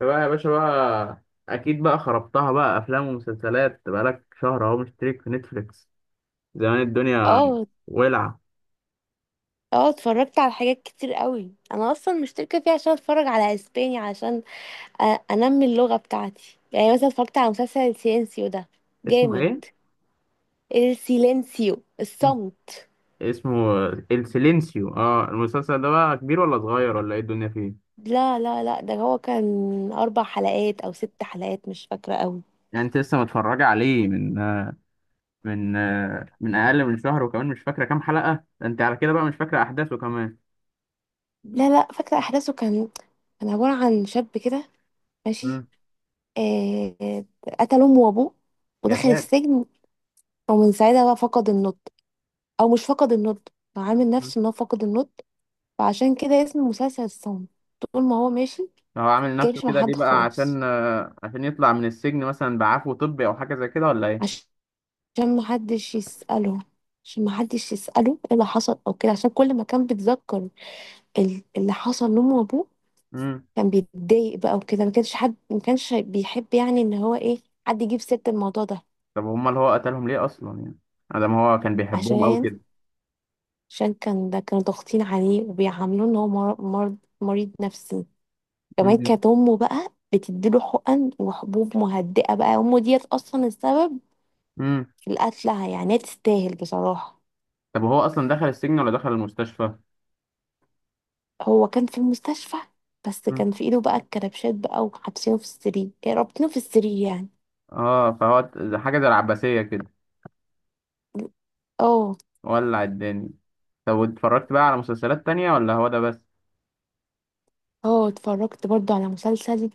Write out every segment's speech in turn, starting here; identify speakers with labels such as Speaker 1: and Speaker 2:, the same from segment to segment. Speaker 1: بقى يا باشا بقى. اكيد بقى خربتها بقى، افلام ومسلسلات بقالك شهر اهو مشترك في نتفليكس. زمان الدنيا
Speaker 2: اه،
Speaker 1: ولعه.
Speaker 2: اه، اتفرجت على حاجات كتير قوي، انا اصلا مشتركه فيه عشان اتفرج على اسباني عشان انمي اللغه بتاعتي. يعني مثلا اتفرجت على مسلسل السيلينسيو ده،
Speaker 1: اسمه
Speaker 2: جامد.
Speaker 1: ايه؟
Speaker 2: السيلينسيو الصمت.
Speaker 1: اسمه السيلينسيو. اه المسلسل ده بقى كبير ولا صغير ولا ايه الدنيا فيه؟
Speaker 2: لا لا لا، ده هو كان اربع حلقات او ست حلقات، مش فاكره قوي.
Speaker 1: يعني انت لسه متفرجه عليه من من من اقل من شهر وكمان مش فاكره كام حلقه؟ ده انت على كده بقى مش فاكره احداثه كمان.
Speaker 2: لا لا، فاكره احداثه، كان عباره عن شاب كده، ماشي.
Speaker 1: امم.
Speaker 2: آه آه، قتل امه وابوه،
Speaker 1: يا
Speaker 2: ودخل
Speaker 1: ساتر.
Speaker 2: السجن، ومن ساعتها بقى فقد النطق، او مش فقد النطق، هو عامل
Speaker 1: مم.
Speaker 2: نفسه ان هو فقد النطق. فعشان كده اسم المسلسل الصمت. طول ما هو ماشي
Speaker 1: هو عامل نفسه
Speaker 2: متجايبش مع
Speaker 1: كده ليه
Speaker 2: حد
Speaker 1: بقى؟
Speaker 2: خالص،
Speaker 1: عشان عشان يطلع من السجن مثلا بعفو طبي او حاجه زي كده، ولا
Speaker 2: عشان محدش يسأله عشان محدش يسأله ايه اللي حصل او كده، عشان كل ما كان بيتذكر اللي حصل لأمه وأبوه
Speaker 1: ايه؟
Speaker 2: كان بيتضايق بقى وكده. ما كانش حد ما كانش بيحب يعني ان هو ايه، حد يجيب سيرة الموضوع ده.
Speaker 1: طب هما اللي هو قتلهم ليه اصلا؟ يعني ادم هو كان بيحبهم قوي
Speaker 2: عشان
Speaker 1: كده.
Speaker 2: عشان كان ده، كانوا ضاغطين عليه وبيعاملوه ان هو مر- مرض مريض نفسي. كمان
Speaker 1: امم.
Speaker 2: كانت امه بقى بتديله حقن وحبوب مهدئة، بقى امه ديت اصلا السبب
Speaker 1: امم.
Speaker 2: لقتلها، يعني هي تستاهل بصراحة.
Speaker 1: طب هو اصلا دخل السجن ولا دخل المستشفى؟
Speaker 2: هو كان في المستشفى، بس
Speaker 1: مم.
Speaker 2: كان في ايده بقى الكربشات بقى وحابسينه في السرير، رابطينه في السرير يعني.
Speaker 1: اه فهو حاجه زي العباسيه كده،
Speaker 2: اه،
Speaker 1: ولع الدنيا. طب واتفرجت بقى على مسلسلات تانية ولا هو ده بس؟
Speaker 2: اه، اتفرجت برضو على مسلسل،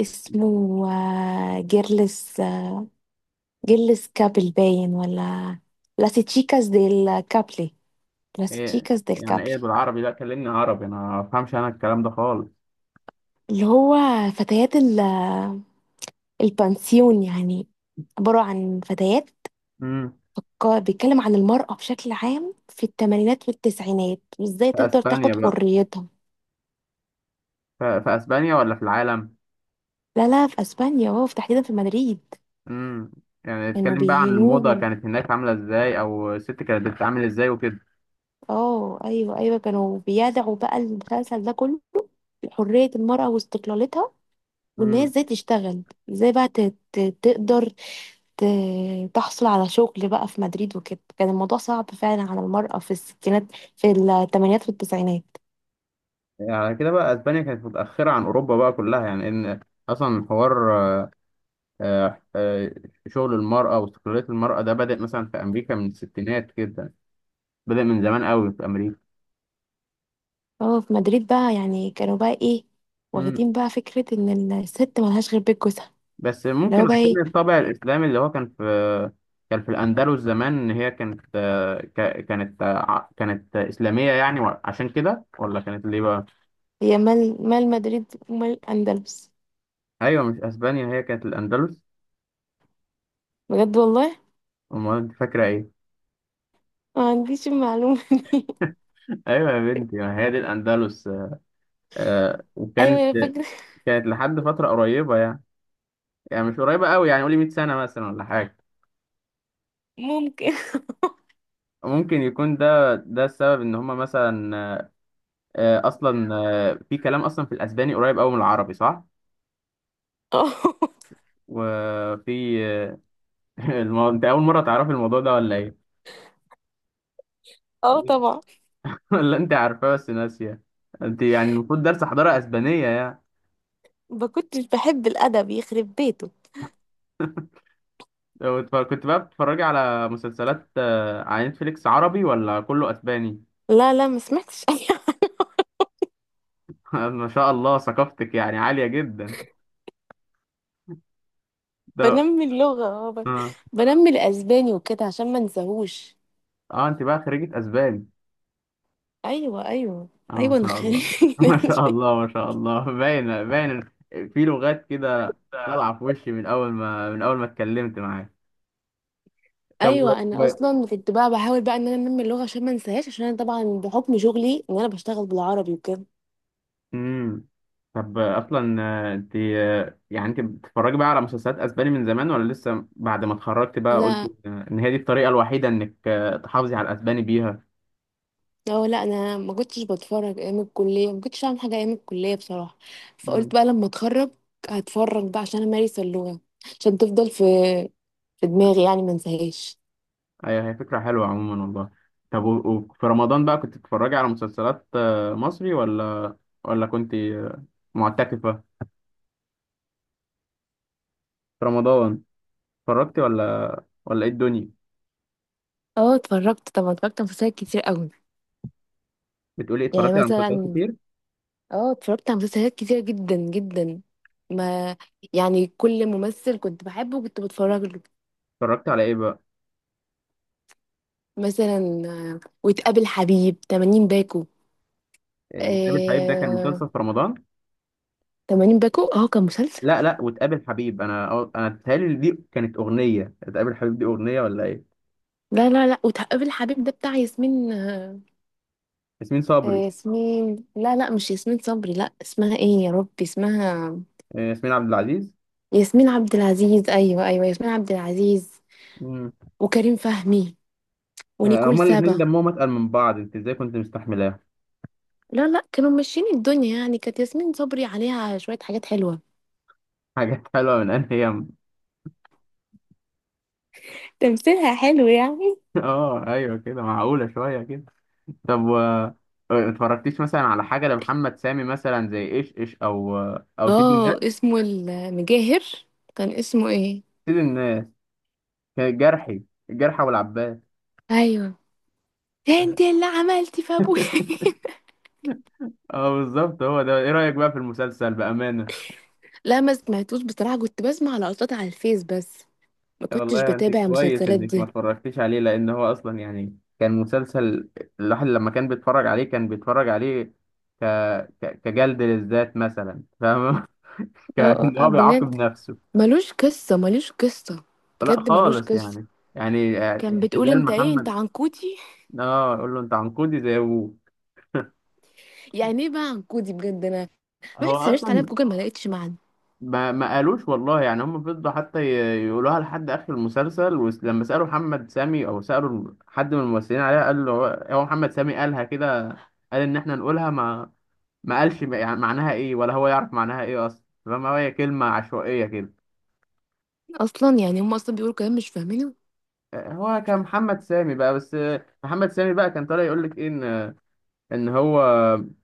Speaker 2: اسمه جيرلس، جيرلس كابل باين، ولا لاس تشيكاس ديل كابلي، لاس
Speaker 1: ايه
Speaker 2: تشيكاس ديل
Speaker 1: يعني ايه
Speaker 2: كابلي.
Speaker 1: بالعربي؟ لا كلمني عربي، انا ما افهمش انا الكلام ده خالص.
Speaker 2: اللي هو فتيات البانسيون يعني، عبارة عن فتيات.
Speaker 1: امم.
Speaker 2: بيتكلم عن المرأة بشكل عام في الثمانينات والتسعينات، وازاي
Speaker 1: في
Speaker 2: تقدر
Speaker 1: اسبانيا
Speaker 2: تاخد
Speaker 1: بقى؟
Speaker 2: حريتها.
Speaker 1: في اسبانيا ولا في العالم؟
Speaker 2: لا لا في اسبانيا، اه في تحديدا في مدريد.
Speaker 1: امم. يعني
Speaker 2: كانوا
Speaker 1: اتكلم بقى عن الموضة
Speaker 2: بيهنوهم.
Speaker 1: كانت هناك عاملة ازاي، او الست كانت بتتعامل ازاي وكده؟
Speaker 2: اه، ايوه، ايوه، كانوا بيدعوا بقى، المسلسل ده كله حرية المرأة واستقلالتها، وان هي ازاي تشتغل، ازاي بقى تقدر ت- تحصل على شغل بقى في مدريد وكده. كان الموضوع صعب فعلا على المرأة في الستينات، في الثمانينات والتسعينات.
Speaker 1: يعني على كده بقى اسبانيا كانت متاخره عن اوروبا بقى كلها، يعني ان اصلا حوار آه، آه، شغل المراه واستقلاليه المراه ده بدا مثلا في امريكا من الستينات كده، بدا من زمان قوي في امريكا.
Speaker 2: اه في مدريد بقى يعني، كانوا بقى ايه،
Speaker 1: مم.
Speaker 2: واخدين بقى فكرة ان الست ملهاش غير بيت جوزها،
Speaker 1: بس
Speaker 2: اللي
Speaker 1: ممكن
Speaker 2: هو بقى
Speaker 1: عشان
Speaker 2: ايه.
Speaker 1: الطابع الاسلامي اللي هو كان في، كان في الاندلس زمان، ان هي كانت كانت كانت اسلاميه يعني، عشان كده ولا كانت ليه بقى؟
Speaker 2: هي مال مدريد ومال الأندلس؟
Speaker 1: ايوه مش اسبانيا هي كانت الاندلس.
Speaker 2: بجد والله،
Speaker 1: امال انت فاكره ايه؟
Speaker 2: ما عنديش المعلومة.
Speaker 1: ايوه يا بنتي، ما هي دي الاندلس.
Speaker 2: ايوه
Speaker 1: وكانت
Speaker 2: يا فاكرة.
Speaker 1: كانت لحد فترة قريبة يعني، يعني مش قريبة قوي، يعني قولي 100 سنة مثلا ولا حاجة.
Speaker 2: ممكن.
Speaker 1: ممكن يكون ده ده السبب ان هما مثلا اصلا في كلام اصلا في الاسباني قريب قوي من العربي، صح؟
Speaker 2: اه،
Speaker 1: وفي انت اول مرة تعرفي الموضوع ده ولا ايه؟
Speaker 2: اه، طبعا.
Speaker 1: ولا انت عارفاه بس ناسية؟ انت يعني المفروض درس حضارة اسبانية يعني.
Speaker 2: ما كنتش بحب الأدب يخرب بيته.
Speaker 1: كنت بقى بتتفرجي على مسلسلات على نتفليكس عربي ولا كله اسباني؟
Speaker 2: لا لا، ما سمعتش. أيوة.
Speaker 1: ما شاء الله، ثقافتك يعني عالية جدا ده.
Speaker 2: بنمي اللغة، اه،
Speaker 1: آه.
Speaker 2: بنمي الأسباني وكده عشان ما انساهوش.
Speaker 1: اه انت بقى خريجة اسباني؟
Speaker 2: ايوه، ايوه،
Speaker 1: اه
Speaker 2: ايوه،
Speaker 1: ما شاء
Speaker 2: نخلي.
Speaker 1: الله ما شاء الله، ما شاء الله، باين باين في لغات كده طالعة في وشي من اول ما من اول ما اتكلمت معاك. طب
Speaker 2: ايوه انا اصلا كنت بقى بحاول بقى ان انا انمي اللغه عشان ما انساهاش، عشان انا طبعا بحكم شغلي ان انا بشتغل بالعربي وكده.
Speaker 1: مم. طب اصلا انت يعني انت بتتفرجي بقى على مسلسلات اسباني من زمان، ولا لسه بعد ما اتخرجت بقى قلت
Speaker 2: لا
Speaker 1: ان إن هي دي الطريقة الوحيدة انك تحافظي على الاسباني بيها؟
Speaker 2: لا، انا ما كنتش بتفرج ايام الكليه، ما كنتش اعمل حاجه ايام الكليه بصراحه. فقلت بقى لما اتخرج هتفرج بقى عشان امارس اللغه، عشان تفضل في دماغي يعني ما انساهاش.
Speaker 1: ايوه هي فكرة حلوة عموما والله. طب و- وفي رمضان بقى كنت بتتفرجي على مسلسلات مصري، ولا ولا كنت معتكفة في رمضان؟ اتفرجتي ولا ولا ايه الدنيا؟
Speaker 2: اه اتفرجت طبعا، اتفرجت على مسلسلات كتير قوي.
Speaker 1: بتقولي إيه،
Speaker 2: يعني
Speaker 1: اتفرجتي على مسلسلات
Speaker 2: مثلا،
Speaker 1: كتير؟
Speaker 2: اه اتفرجت على مسلسلات كتير جدا جدا. ما يعني كل ممثل كنت بحبه كنت بتفرج له.
Speaker 1: اتفرجتي على ايه بقى؟
Speaker 2: مثلا وتقابل حبيب 80 باكو،
Speaker 1: إيه، وتقابل حبيب ده كان
Speaker 2: آه...
Speaker 1: مسلسل في رمضان؟
Speaker 2: 80 باكو اه كان مسلسل.
Speaker 1: لا لا وتقابل حبيب، انا انا بتهيألي دي كانت اغنية، تقابل حبيب دي اغنية ولا ايه؟
Speaker 2: لا لا لا، وتقابل حبيب ده بتاع ياسمين،
Speaker 1: ياسمين صبري؟
Speaker 2: ياسمين، لا لا مش ياسمين صبري، لا اسمها ايه يا ربي، اسمها
Speaker 1: ياسمين عبد العزيز.
Speaker 2: ياسمين عبد العزيز، ايوه، ايوه، ياسمين عبد العزيز.
Speaker 1: مم.
Speaker 2: وكريم فهمي
Speaker 1: آه،
Speaker 2: ونيكول
Speaker 1: هما الاثنين
Speaker 2: سابا.
Speaker 1: دمهم اتقل من بعض، انت ازاي كنت مستحملاها؟
Speaker 2: لا لا كانوا ماشيين الدنيا يعني، كانت ياسمين صبري عليها شوية حاجات حلوة،
Speaker 1: حاجات حلوة من انهي؟
Speaker 2: تمثيلها حلو يعني.
Speaker 1: اه ايوه كده معقولة شوية كده. طب و ما اتفرجتيش مثلا على حاجة لمحمد سامي مثلا، زي ايش ايش او او سيد الناس؟
Speaker 2: اه اسمه المجاهر، كان اسمه ايه؟
Speaker 1: سيد الناس كان الجرحي، الجرحى والعباس.
Speaker 2: ايوه ده انت اللي عملتي في ابويا.
Speaker 1: اه بالظبط هو ده. ايه رأيك بقى في المسلسل بأمانة؟
Speaker 2: لا ما سمعتوش بصراحة، كنت بسمع لقطات على الفيس بس، ما كنتش
Speaker 1: والله انت
Speaker 2: بتابع
Speaker 1: كويس
Speaker 2: المسلسلات
Speaker 1: انك ما
Speaker 2: دي.
Speaker 1: اتفرجتيش عليه، لان هو اصلا يعني كان مسلسل الواحد لما كان بيتفرج عليه كان بيتفرج عليه ك... كجلد للذات مثلا، فاهم؟
Speaker 2: اه،
Speaker 1: ان
Speaker 2: اه،
Speaker 1: هو بيعاقب
Speaker 2: بجد،
Speaker 1: نفسه.
Speaker 2: ملوش قصة، ملوش قصة،
Speaker 1: لا
Speaker 2: بجد ملوش
Speaker 1: خالص
Speaker 2: قصة.
Speaker 1: يعني، يعني
Speaker 2: كان بتقول
Speaker 1: اعتزال
Speaker 2: انت ايه، انت
Speaker 1: محمد.
Speaker 2: عنكودي؟
Speaker 1: اه يقول له انت عنقودي زي ابوك.
Speaker 2: يعني ايه بقى عنكودي؟ بجد انا
Speaker 1: هو
Speaker 2: رحت سرشت عليها في
Speaker 1: اصلا
Speaker 2: جوجل ما لقيتش معنى.
Speaker 1: ما قالوش والله، يعني هم فضلوا حتى يقولوها لحد اخر المسلسل، ولما سالوا محمد سامي او سالوا حد من الممثلين عليها قال له هو، هو محمد سامي قالها كده، قال ان احنا نقولها ما ما قالش يعني معناها ايه، ولا هو يعرف معناها ايه اصلا، فما هي كلمه عشوائيه كده.
Speaker 2: اصلا يعني هم اصلا بيقولوا كلام مش فاهمينه.
Speaker 1: آه، هو كان محمد سامي بقى بس، آه، محمد سامي بقى كان طالع يقول لك ايه ان هو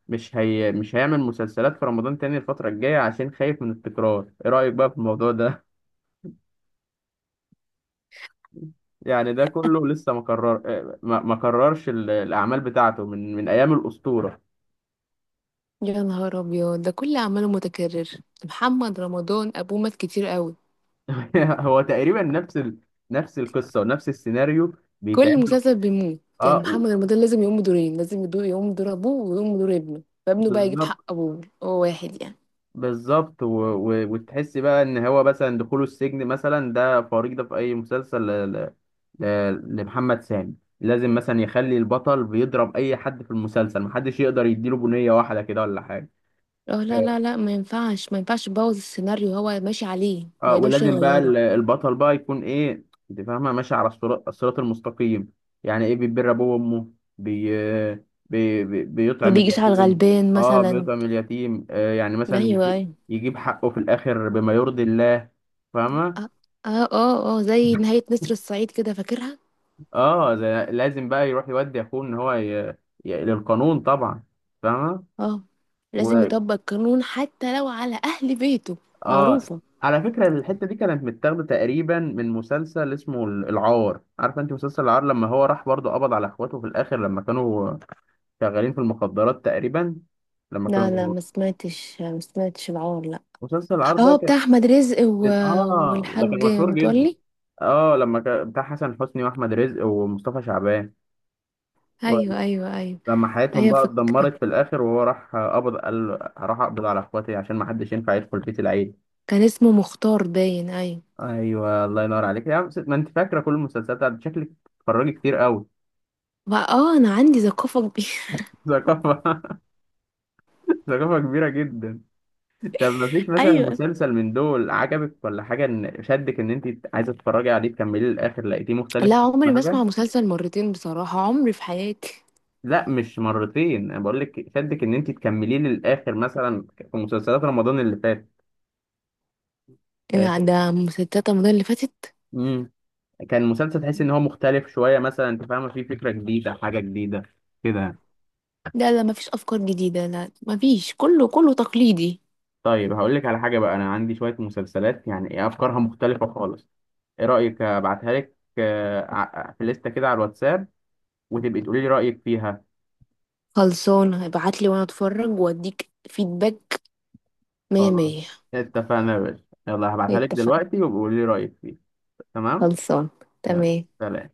Speaker 1: مش هي مش هيعمل مسلسلات في رمضان تاني الفترة الجاية عشان خايف من التكرار. ايه رأيك بقى في الموضوع ده؟ يعني ده كله لسه ما قرر ما قررش الاعمال بتاعته من ايام الأسطورة.
Speaker 2: يا نهار ابيض، ده كل اعماله متكرر، محمد رمضان ابوه مات كتير قوي،
Speaker 1: هو تقريبا نفس نفس القصة ونفس السيناريو
Speaker 2: كل
Speaker 1: بيتعمل
Speaker 2: مسلسل بيموت. يعني
Speaker 1: اه
Speaker 2: محمد رمضان لازم يقوم بدورين، لازم يقوم بدور ابوه ويقوم بدور ابنه، فابنه بقى يجيب حق
Speaker 1: بالظبط،
Speaker 2: ابوه، هو واحد يعني.
Speaker 1: بالظبط وتحس بقى ان هو مثلا دخوله السجن مثلا ده فريضة في اي مسلسل لمحمد سامي. لازم مثلا يخلي البطل بيضرب اي حد في المسلسل، محدش يقدر يديله بنية واحدة كده ولا حاجة.
Speaker 2: اه لا لا لا، ما ينفعش، ما ينفعش يبوظ السيناريو، هو ماشي عليه ما
Speaker 1: اه
Speaker 2: يقدرش
Speaker 1: ولازم بقى
Speaker 2: يغيره.
Speaker 1: البطل بقى يكون ايه، انت فاهمه، ماشي على الصراط المستقيم، يعني ايه بيبر ابوه وامه، بي...
Speaker 2: ما
Speaker 1: بيطعم
Speaker 2: بيجيش على
Speaker 1: اليتيم.
Speaker 2: الغلبان
Speaker 1: اه
Speaker 2: مثلا.
Speaker 1: بيطعم اليتيم، آه يعني مثلا
Speaker 2: ايوه، ايوه.
Speaker 1: يجيب حقه في الاخر بما يرضي الله، فاهمه؟
Speaker 2: اه، اه، اه، زي نهاية نسر الصعيد كده، فاكرها.
Speaker 1: لازم بقى يروح يودي اخوه ان هو للقانون طبعا، فاهمه؟
Speaker 2: اه لازم
Speaker 1: و...
Speaker 2: يطبق القانون حتى لو على اهل بيته،
Speaker 1: اه
Speaker 2: معروفة.
Speaker 1: على فكرة الحتة دي كانت متاخدة تقريبا من مسلسل اسمه العار، عارفة انت مسلسل العار لما هو راح برضه قبض على اخواته في الاخر لما كانوا شغالين في المخدرات تقريبا، لما
Speaker 2: لا لا
Speaker 1: كانوا،
Speaker 2: ما سمعتش، ما سمعتش العار لا.
Speaker 1: مسلسل العار ده
Speaker 2: اه
Speaker 1: كان،
Speaker 2: بتاع احمد رزق
Speaker 1: اه ده كان
Speaker 2: والحاج
Speaker 1: مشهور جدا،
Speaker 2: متولي.
Speaker 1: اه لما كان بتاع حسن حسني واحمد رزق ومصطفى شعبان،
Speaker 2: ايوه، ايوه، ايوه،
Speaker 1: ولما حياتهم
Speaker 2: ايوه،
Speaker 1: بقى
Speaker 2: فكرة،
Speaker 1: اتدمرت في الاخر وهو راح قبض قال راح اقبض على اخواتي عشان ما حدش ينفع يدخل بيت العيل.
Speaker 2: كان اسمه مختار باين، ايوه.
Speaker 1: ايوه الله ينور عليك يا عم، ما انت فاكره كل المسلسلات شكلك بتتفرجي كتير قوي.
Speaker 2: بقى اه انا عندي ثقافة كبيرة.
Speaker 1: ثقافه، ثقافه كبيره جدا. طب ما فيش مثلا
Speaker 2: ايوه.
Speaker 1: مسلسل من دول عجبك ولا حاجه ان شدك ان انت عايزه تتفرجي عليه تكمليه للاخر لقيتيه مختلف
Speaker 2: لا عمري
Speaker 1: ولا
Speaker 2: ما
Speaker 1: حاجه؟
Speaker 2: اسمع مسلسل مرتين بصراحة، عمري في حياتي.
Speaker 1: لا مش مرتين، انا بقول لك شدك ان انت تكمليه للاخر، مثلا في مسلسلات رمضان اللي فات. آه،
Speaker 2: إيه؟ ده مسلسلات رمضان اللي فاتت.
Speaker 1: امم. كان مسلسل تحس ان هو مختلف شويه مثلا، انت فاهمه، فيه فكره جديده، حاجه جديده كده؟
Speaker 2: لا لا مفيش افكار جديدة، لا مفيش، كله تقليدي.
Speaker 1: طيب هقول لك على حاجة بقى، أنا عندي شوية مسلسلات يعني إيه أفكارها مختلفة خالص. إيه رأيك أبعتها لك في لستة كده على الواتساب، وتبقي تقولي لي رأيك فيها؟
Speaker 2: خلصان، ابعتلي وانا اتفرج واديك فيدباك، مية
Speaker 1: خلاص
Speaker 2: مية.
Speaker 1: اتفقنا يا باشا، يلا هبعتها لك
Speaker 2: اتفقنا.
Speaker 1: دلوقتي وبقولي لي رأيك فيها. تمام.
Speaker 2: خلصان.
Speaker 1: يلا
Speaker 2: تمام.
Speaker 1: سلام.